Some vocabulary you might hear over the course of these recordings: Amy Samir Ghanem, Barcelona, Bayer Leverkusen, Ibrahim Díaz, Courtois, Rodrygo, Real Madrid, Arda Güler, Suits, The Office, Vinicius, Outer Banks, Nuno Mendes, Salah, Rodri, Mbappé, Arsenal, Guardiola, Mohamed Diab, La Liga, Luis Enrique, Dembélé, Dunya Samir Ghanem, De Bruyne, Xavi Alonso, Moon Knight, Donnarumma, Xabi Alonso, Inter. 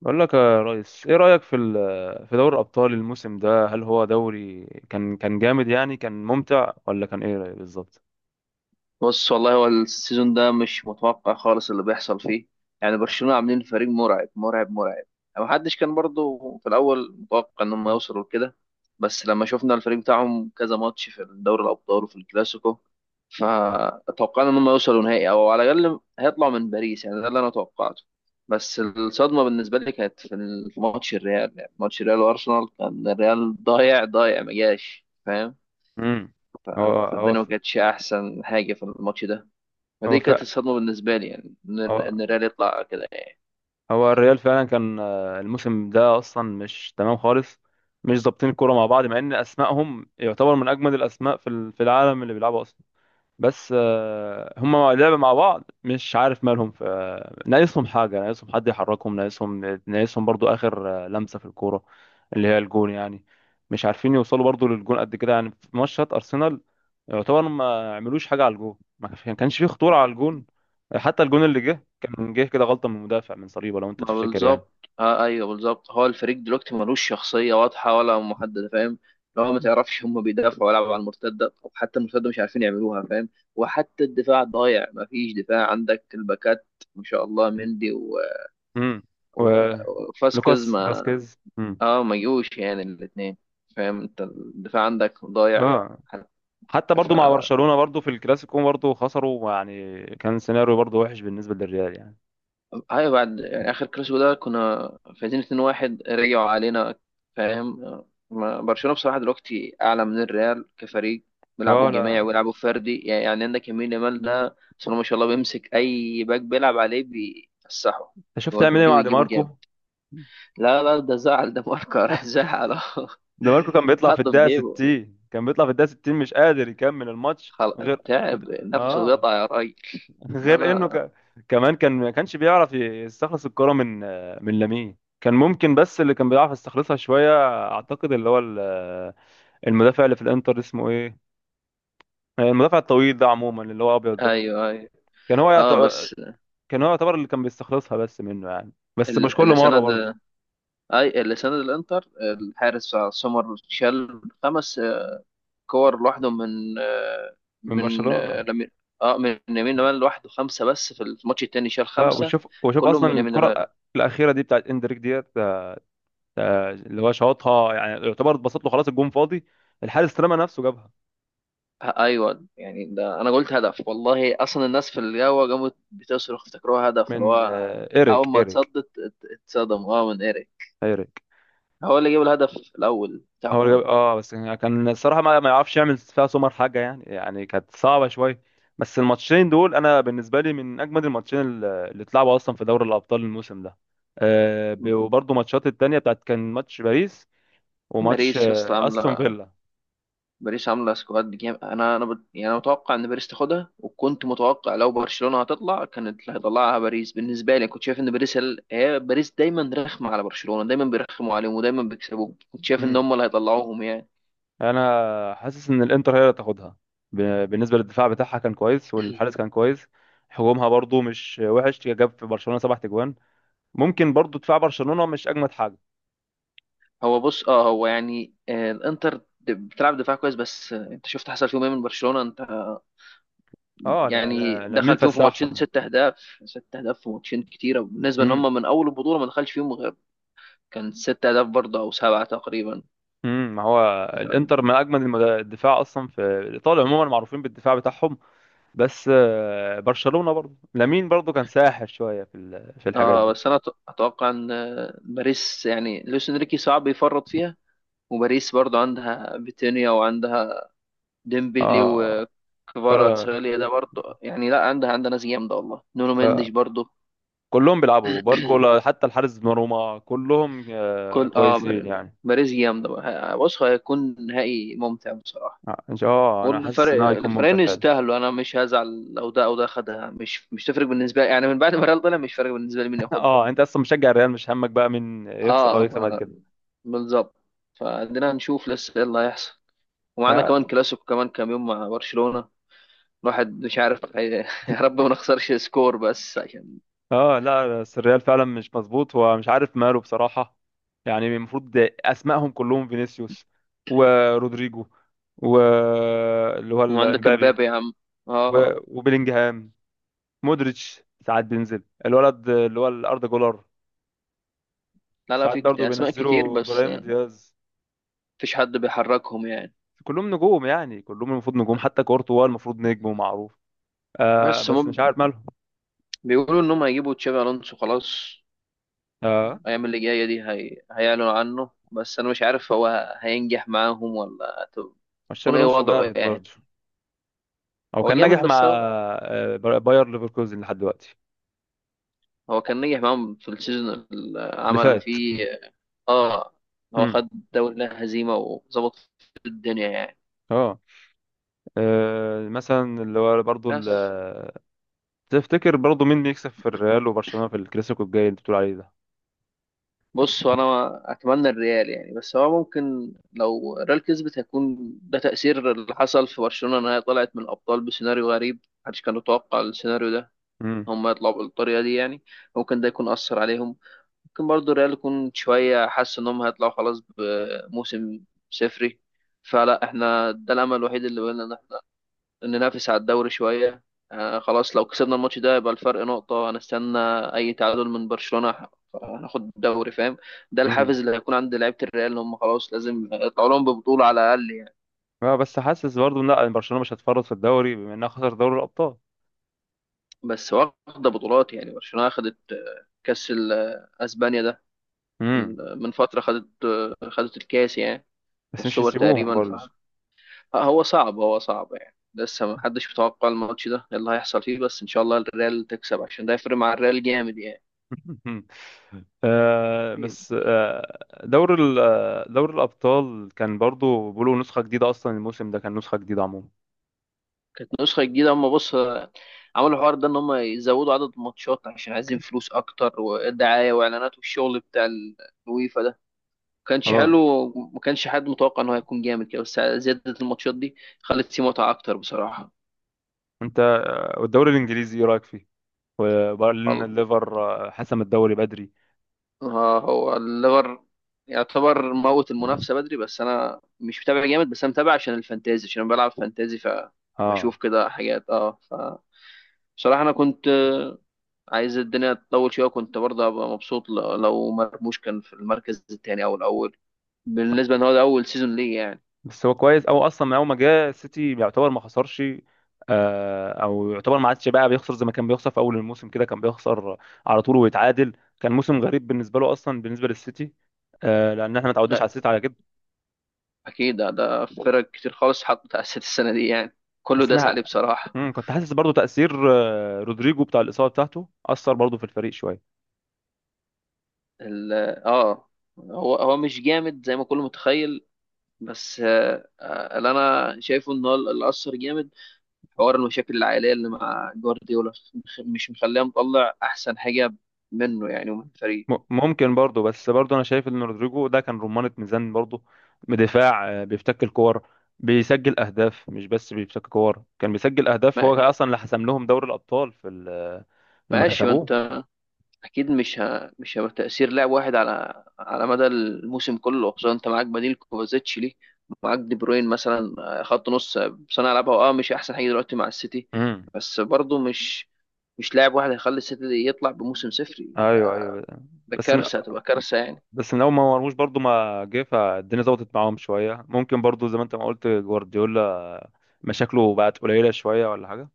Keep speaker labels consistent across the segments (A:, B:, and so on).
A: بقول لك يا ريس، ايه رأيك في دوري الابطال الموسم ده؟ هل هو دوري كان جامد، يعني كان ممتع، ولا كان ايه رأيك بالظبط؟
B: بص والله هو السيزون ده مش متوقع خالص اللي بيحصل فيه. يعني برشلونة عاملين فريق مرعب مرعب مرعب. يعني ما حدش كان برضه في الأول متوقع إنهم يوصلوا لكده. بس لما شفنا الفريق بتاعهم كذا ماتش في دوري الأبطال وفي الكلاسيكو فتوقعنا إنهم يوصلوا نهائي أو على الأقل هيطلعوا من باريس، يعني ده اللي أنا توقعته. بس الصدمة بالنسبة لي كانت في ماتش الريال، يعني ماتش الريال وأرسنال كان الريال ضايع ضايع ما جاش، فاهم؟
A: امم هو هو
B: فالدنيا ما
A: ف-
B: كانتش أحسن حاجة في الماتش ده.
A: هو
B: فدي كانت
A: ف-
B: الصدمة بالنسبة لي، يعني إن
A: هو
B: إن الريال يطلع كده يعني.
A: هو الريال فعلا كان، الموسم ده اصلا مش تمام خالص. مش ظابطين الكوره مع بعض، مع ان اسمائهم يعتبر من اجمد الاسماء في العالم اللي بيلعبوا اصلا. بس هما لعبوا مع بعض، مش عارف مالهم. ناقصهم حاجة، ناقصهم حد يحركهم، ناقصهم برضو آخر لمسة في الكورة، اللي هي الجون يعني. مش عارفين يوصلوا برضو للجون قد كده، يعني في ماتشات أرسنال يعتبر ما عملوش حاجة على الجون، ما كانش فيه خطورة على الجون. حتى الجون اللي جه كان جه كده غلطة من المدافع، من صليبة، لو أنت
B: ما
A: تفتكر يعني.
B: بالظبط. آه أيوه بالظبط، هو الفريق دلوقتي ملوش شخصية واضحة ولا محددة، فاهم؟ لو ما تعرفش هم بيدافعوا ولا على المرتدة، أو حتى المرتدة مش عارفين يعملوها، فاهم؟ وحتى الدفاع ضايع، ما فيش دفاع، عندك الباكات ما شاء الله مندي
A: امم و
B: و... وفاسكيز
A: لوكاس
B: ما
A: فاسكيز.
B: ما جوش يعني الاتنين. فاهم أنت الدفاع عندك ضايع.
A: اه، حتى
B: ف
A: برضو مع برشلونة برضو في الكلاسيكو برضو خسروا، يعني كان سيناريو برضو وحش بالنسبة للريال يعني.
B: ايوه بعد يعني اخر كلاسيكو ده كنا فايزين 2-1، رجعوا علينا، فاهم؟ برشلونة بصراحة دلوقتي اعلى من الريال كفريق،
A: اه
B: بيلعبوا جماعي
A: لا،
B: ويلعبوا فردي، يعني عندك يمين يامال ده بسم الله ما شاء الله، بيمسك اي باك بيلعب عليه بيفسحه
A: انت شفت عامل ايه
B: بيوديه
A: مع دي
B: ويجيبه
A: ماركو؟
B: جامد. لا لا ده زعل، ده ماركر زعل أهو.
A: دي ماركو كان بيطلع في
B: حطه في
A: الدقيقة
B: جيبه.
A: 60، كان بيطلع في الدقيقة 60، مش قادر يكمل الماتش.
B: خل...
A: غير
B: تعب نفسه
A: اه
B: اتقطع يا راجل. لا
A: غير
B: لا.
A: كمان كان ما كانش بيعرف يستخلص الكرة من لامين. كان ممكن، بس اللي كان بيعرف يستخلصها شوية، اعتقد اللي هو المدافع اللي في الانتر، اسمه ايه، المدافع الطويل ده، عموما اللي هو ابيض ده،
B: ايوه ايوه.
A: كان هو يعت...
B: اه بس
A: كان هو يعتبر اللي كان بيستخلصها بس منه يعني، بس مش كل
B: السنة
A: مره برضه.
B: ده اي اللي سند الانتر الحارس سومر شال خمس كور لوحده من آه،
A: من
B: من آه،
A: برشلونه،
B: لمي- اه من يمين لمال لوحده خمسه، بس في الماتش التاني شال
A: اه.
B: خمسه.
A: وشوف
B: كلهم
A: اصلا
B: من يمين
A: الكره
B: لمال.
A: الاخيره دي بتاعت اندريك ديت، اللي هو شاطها، يعني يعتبر اتبسط له، خلاص الجون فاضي، الحارس رمى نفسه جابها.
B: ايوه يعني ده انا قلت هدف، والله اصلا الناس في القهوه قامت بتصرخ افتكروها هدف، اللي
A: من
B: هو
A: ايريك
B: اول ما
A: ايريك
B: اتصدت اتصدموا، من ايريك.
A: ايريك
B: هو اللي جاب الهدف الاول
A: هو اللي جاب.
B: بتاعهم.
A: اه، بس يعني كان الصراحه ما يعرفش يعمل فيها سومر حاجه يعني، يعني كانت صعبه شويه. بس الماتشين دول انا بالنسبه لي من اجمد الماتشين اللي اتلعبوا اصلا في دوري الابطال الموسم ده. وبرضه ماتشات التانية بتاعت كان ماتش باريس، وماتش
B: باريس يا اسطى
A: استون
B: عامله،
A: فيلا.
B: باريس عامله سكواد جامد، يعني انا متوقع ان باريس تاخدها، وكنت متوقع لو برشلونه هتطلع كانت اللي هيطلعها باريس، بالنسبه لي كنت شايف ان هي باريس دايما رخمه على برشلونه، دايما بيرخموا عليهم ودايما بيكسبوهم، كنت شايف ان
A: امم
B: هم اللي هيطلعوهم يعني.
A: انا حاسس ان الانتر هي اللي تاخدها. بالنسبه للدفاع بتاعها كان كويس، والحارس كان كويس. هجومها برضو مش وحش، جاب في برشلونه سبع تجوان. ممكن برضو دفاع برشلونه مش اجمد حاجه.
B: هو بص، اه هو يعني الانتر بتلعب دفاع كويس، بس انت شفت حصل فيهم ايه من برشلونه، انت
A: اه لا
B: يعني
A: لا لا، مين
B: دخل فيهم في ماتشين
A: فسحهم.
B: ست اهداف، ست اهداف في ماتشين كتيره، بالنسبه ان
A: امم
B: هم من اول البطوله ما دخلش فيهم غير، كان ست اهداف برضه او سبعه تقريبا.
A: ما هو الانتر من اجمد الدفاع اصلا في ايطاليا، عموما معروفين بالدفاع بتاعهم. بس برشلونه برضو، لامين برضو كان ساحر شويه في الحاجات
B: اه
A: دي.
B: بس انا اتوقع ان باريس، يعني لويس انريكي صعب يفرط فيها، وباريس برضو عندها فيتينيا وعندها ديمبلي
A: اه، قرر.
B: وكفاراتسخيليا ده برضو، يعني لا عندها ناس جامده، والله نونو مندش
A: آه.
B: برضو.
A: كلهم بيلعبوا باركولا، حتى الحارس دوناروما كلهم
B: كل اه
A: كويسين يعني.
B: باريس جامده بقى. بص هيكون نهائي ممتع بصراحه.
A: ان شاء الله، انا حاسس
B: والفرق
A: ان هو هيكون ممتع
B: الفريقين
A: فعلا.
B: يستاهلوا، انا مش هزعل لو ده او ده خدها، مش تفرق بالنسبه لي، يعني من بعد ما ريال طلع مش فارق بالنسبه لي مين ياخدها.
A: اه، انت اصلا مشجع الريال، مش همك بقى من يخسر او
B: اه
A: يكسب بعد كده.
B: بالظبط. فعندنا نشوف لسه ايه اللي هيحصل، ومعانا كمان
A: لا،
B: كلاسيكو كمان كام يوم مع برشلونة. الواحد مش عارف يا رب ما نخسرش سكور بس عشان.
A: اه لا، بس الريال فعلا مش مظبوط، ومش عارف ماله بصراحة. يعني المفروض اسمائهم كلهم: فينيسيوس، ورودريجو، و اللي هو
B: وعندك
A: امبابي،
B: امبابي يا عم. اه
A: وبيلينجهام، مودريتش، ساعات بينزل الولد اللي هو الاردا جولر،
B: لا لا
A: ساعات
B: في
A: برضه
B: اسماء كتير،
A: بينزلوا
B: بس
A: ابراهيم دياز.
B: مفيش حد بيحركهم يعني.
A: كلهم نجوم يعني، كلهم المفروض نجوم، حتى كورتوا المفروض نجم ومعروف.
B: بس
A: بس مش
B: هم
A: عارف مالهم.
B: بيقولوا انهم هيجيبوا تشابي الونسو خلاص،
A: اه،
B: الايام اللي جايه دي هيعلنوا عنه، بس انا مش عارف هو هينجح معاهم ولا
A: مش شابي
B: هيكون ايه
A: الونسو
B: وضعه
A: جامد
B: يعني.
A: برضه؟ هو
B: هو
A: كان
B: جامد
A: ناجح مع
B: بس هو
A: باير ليفركوزن لحد دلوقتي،
B: هو كان نجح معاهم في السيزون اللي
A: اللي
B: عمل
A: فات.
B: فيه. اه، هو
A: امم
B: خد دوري هزيمة وظبط الدنيا يعني.
A: اه مثلا اللي هو برضه
B: بس
A: تفتكر برضه مين بيكسب في الريال وبرشلونة في الكلاسيكو الجاي اللي انت بتقول عليه ده؟
B: بص، هو انا اتمنى الريال يعني، بس هو ممكن لو الريال كسبت هيكون ده تأثير اللي حصل في برشلونة، ان هي طلعت من الابطال بسيناريو غريب، محدش كان يتوقع السيناريو ده،
A: امم
B: هم يطلعوا بالطريقة دي يعني. ممكن ده يكون أثر عليهم. ممكن برضو الريال يكون شوية حس انهم هيطلعوا خلاص بموسم صفري. فلا احنا ده الامل الوحيد اللي بقولنا ننافس على الدوري شوية. خلاص لو كسبنا الماتش ده يبقى الفرق نقطة، هنستنى أي تعادل من برشلونة هناخد الدوري، فاهم؟ ده
A: امم
B: الحافز اللي هيكون عند لعيبة الريال، إن هم خلاص لازم يطلعوا لهم ببطولة على الأقل يعني.
A: اه بس حاسس برضه، إن لا، برشلونة مش هتفرط في الدوري، بما انها خسر دوري الابطال.
B: بس واخدة بطولات، يعني برشلونة أخدت كأس أسبانيا ده،
A: امم
B: من فترة خدت خدت الكاس يعني،
A: بس مش
B: والسوبر
A: يسيبوهم
B: تقريبا.
A: برضه.
B: فهو صعب، هو صعب يعني، لسه محدش متوقع الماتش ده إيه اللي هيحصل فيه، بس إن شاء الله الريال تكسب عشان ده يفرق مع الريال جامد يعني.
A: بس دور ال آه، دور الأبطال كان برضو بيقولوا نسخة جديدة، أصلا الموسم ده كان نسخة جديدة عموما.
B: كانت نسخة جديدة، هم بص عملوا الحوار ده ان هم يزودوا عدد الماتشات عشان عايزين فلوس اكتر ودعاية واعلانات، والشغل بتاع الويفا ده ما كانش
A: اه،
B: حلو. ما كانش حد متوقع ان هو هيكون جامد كده، بس زيادة الماتشات دي خلت فيه متعة اكتر بصراحة.
A: أنت، والدوري الإنجليزي إيه رأيك فيه؟ وبرلين
B: الله،
A: الليفر، حسم الدوري بدري.
B: هو الليفر يعتبر موت المنافسة بدري، بس انا مش متابع جامد، بس انا متابع عشان الفانتازي، عشان انا بلعب فانتازي
A: اه،
B: فبشوف كده حاجات، اه ف بصراحة انا كنت عايز الدنيا تطول شويه، كنت برضه هبقى مبسوط لو مرموش كان في المركز الثاني او الاول، بالنسبه ان هو ده اول سيزون ليه يعني.
A: بس هو كويس، أو أصلا من أول ما جه السيتي يعتبر ما خسرش، أو يعتبر ما عادش بقى بيخسر زي ما كان بيخسر في أول الموسم كده، كان بيخسر على طول ويتعادل. كان موسم غريب بالنسبة له أصلا، بالنسبة للسيتي. لأن احنا ما تعودناش
B: لا
A: على السيتي على كده.
B: اكيد ده فرق كتير خالص حطت على الست السنه دي يعني، كله
A: بس
B: داس عليه
A: أنا
B: بصراحه.
A: كنت حاسس برضو تأثير رودريجو، بتاع الإصابة بتاعته، أثر برضو في الفريق شوية.
B: ال- اه هو مش جامد زي ما كله متخيل، بس اللي انا شايفه ان هو اللي اثر جامد، حوار المشاكل العائليه اللي مع جوارديولا مش مخليه مطلع احسن حاجه منه يعني ومن الفريق.
A: ممكن برضو، بس برضو أنا شايف إن رودريجو ده كان رمانة ميزان برضو، بدفاع، بيفتك الكور، بيسجل أهداف، مش بس بيفتك كور، كان بيسجل أهداف.
B: ما-
A: هو أصلا اللي حسم لهم دوري الأبطال في ال- آه، لما
B: ماشي، ما
A: كسبوه.
B: انت اكيد مش مش هيبقى تاثير لاعب واحد على مدى الموسم كله، خصوصا انت معاك بديل كوفازيتش ليه، معاك دي بروين مثلا، خط نص، صانع لعبها، اه مش احسن حاجه دلوقتي مع السيتي.
A: مم.
B: بس برضه مش لاعب واحد هيخلي السيتي دي يطلع بموسم صفري،
A: أيوه أيوه.
B: ده
A: بس من
B: كارثه، هتبقى كارثه يعني.
A: بس من اول ما مرموش برضو ما جه، فالدنيا ظبطت معاهم شويه. ممكن برضو زي ما انت ما قلت، جوارديولا مشاكله بقت قليله شويه ولا حاجه.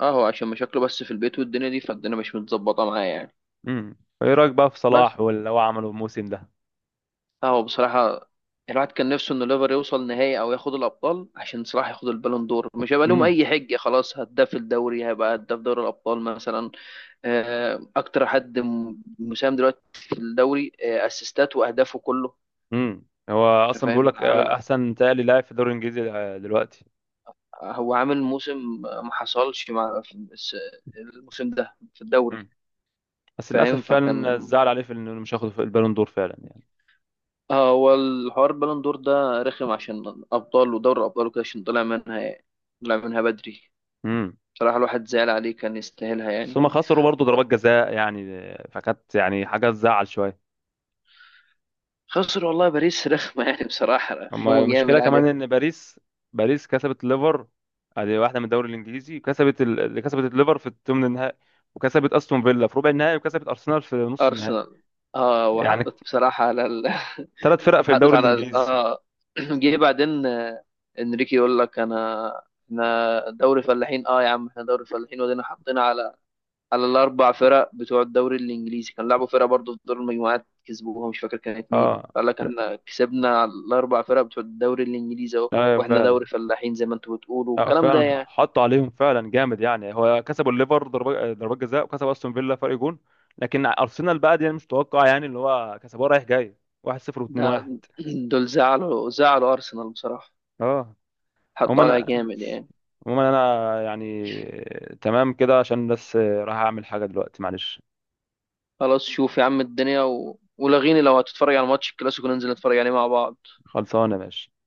B: اه هو عشان مشاكله بس في البيت والدنيا دي، فالدنيا مش متظبطه معاه يعني.
A: امم ايه رايك بقى في
B: بس
A: صلاح واللي هو عمله الموسم ده؟
B: لا هو بصراحة الواحد كان نفسه إن ليفر يوصل نهائي أو ياخد الأبطال، عشان صراحة ياخد البالون دور مش هيبقى لهم
A: امم
B: أي حجة، خلاص هداف الدوري هيبقى هداف دوري الأبطال مثلا، أكتر حد مساهم دلوقتي في الدوري، أسيستات وأهدافه كله.
A: هو
B: أنت
A: اصلا بيقول
B: فاهم
A: لك
B: عامل،
A: احسن تالي لاعب في الدوري الانجليزي دلوقتي.
B: هو عامل موسم ما حصلش مع في الموسم ده في الدوري،
A: امم بس
B: فاهم؟
A: للاسف فعلا،
B: فكان
A: الزعل عليه في انه مش هياخد في البالون دور فعلا يعني.
B: هو الحوار البالون دور ده رخم، عشان أبطال ودوري الأبطال وكده، عشان طلع منها طلع منها بدري.
A: امم
B: بصراحة الواحد زعل عليه كان يستاهلها
A: بس
B: يعني.
A: هما خسروا برضه ضربات جزاء يعني، فكانت يعني حاجه تزعل شويه.
B: خسر والله باريس رخمة، يعني بصراحة
A: اما
B: رخموا جامد
A: المشكله كمان
B: عليه.
A: ان باريس كسبت الليفر، ادي واحده من الدوري الانجليزي، كسبت اللي كسبت الليفر في الثمن النهائي، وكسبت استون فيلا في ربع النهائي، وكسبت ارسنال في نص النهائي،
B: أرسنال اه،
A: يعني
B: وحطت بصراحة على
A: ثلاث فرق في
B: حطت
A: الدوري
B: على ال...
A: الانجليزي.
B: اه جه بعدين انريكي يقول لك انا احنا دوري فلاحين، اه يا عم احنا دوري فلاحين، ودينا حطينا على الاربع فرق بتوع الدوري الانجليزي، كان لعبوا فرقة برضه في دور المجموعات كسبوها مش فاكر كانت مين،
A: اه
B: قال لك احنا كسبنا على الاربع فرق بتوع الدوري الانجليزي اهو،
A: ايوه
B: واحنا
A: فعلا،
B: دوري فلاحين زي ما انتوا بتقولوا
A: اه
B: والكلام ده
A: فعلا
B: يعني.
A: حطوا عليهم فعلا جامد يعني. هو كسبوا الليفر ضربات جزاء، وكسب استون فيلا فرق جون. لكن ارسنال بقى دي أنا مش متوقع، يعني اللي هو كسبوها رايح جاي، 1-0
B: ده
A: و2-1.
B: دول زعلوا أرسنال بصراحة،
A: اه،
B: حطوا عليها
A: عموما
B: جامد يعني.
A: عموما انا يعني تمام كده، عشان بس راح اعمل حاجه دلوقتي، معلش.
B: خلاص شوف يا عم الدنيا ولغيني لو هتتفرج على ماتش الكلاسيكو ننزل نتفرج عليه مع بعض.
A: خلصانه يا باشا.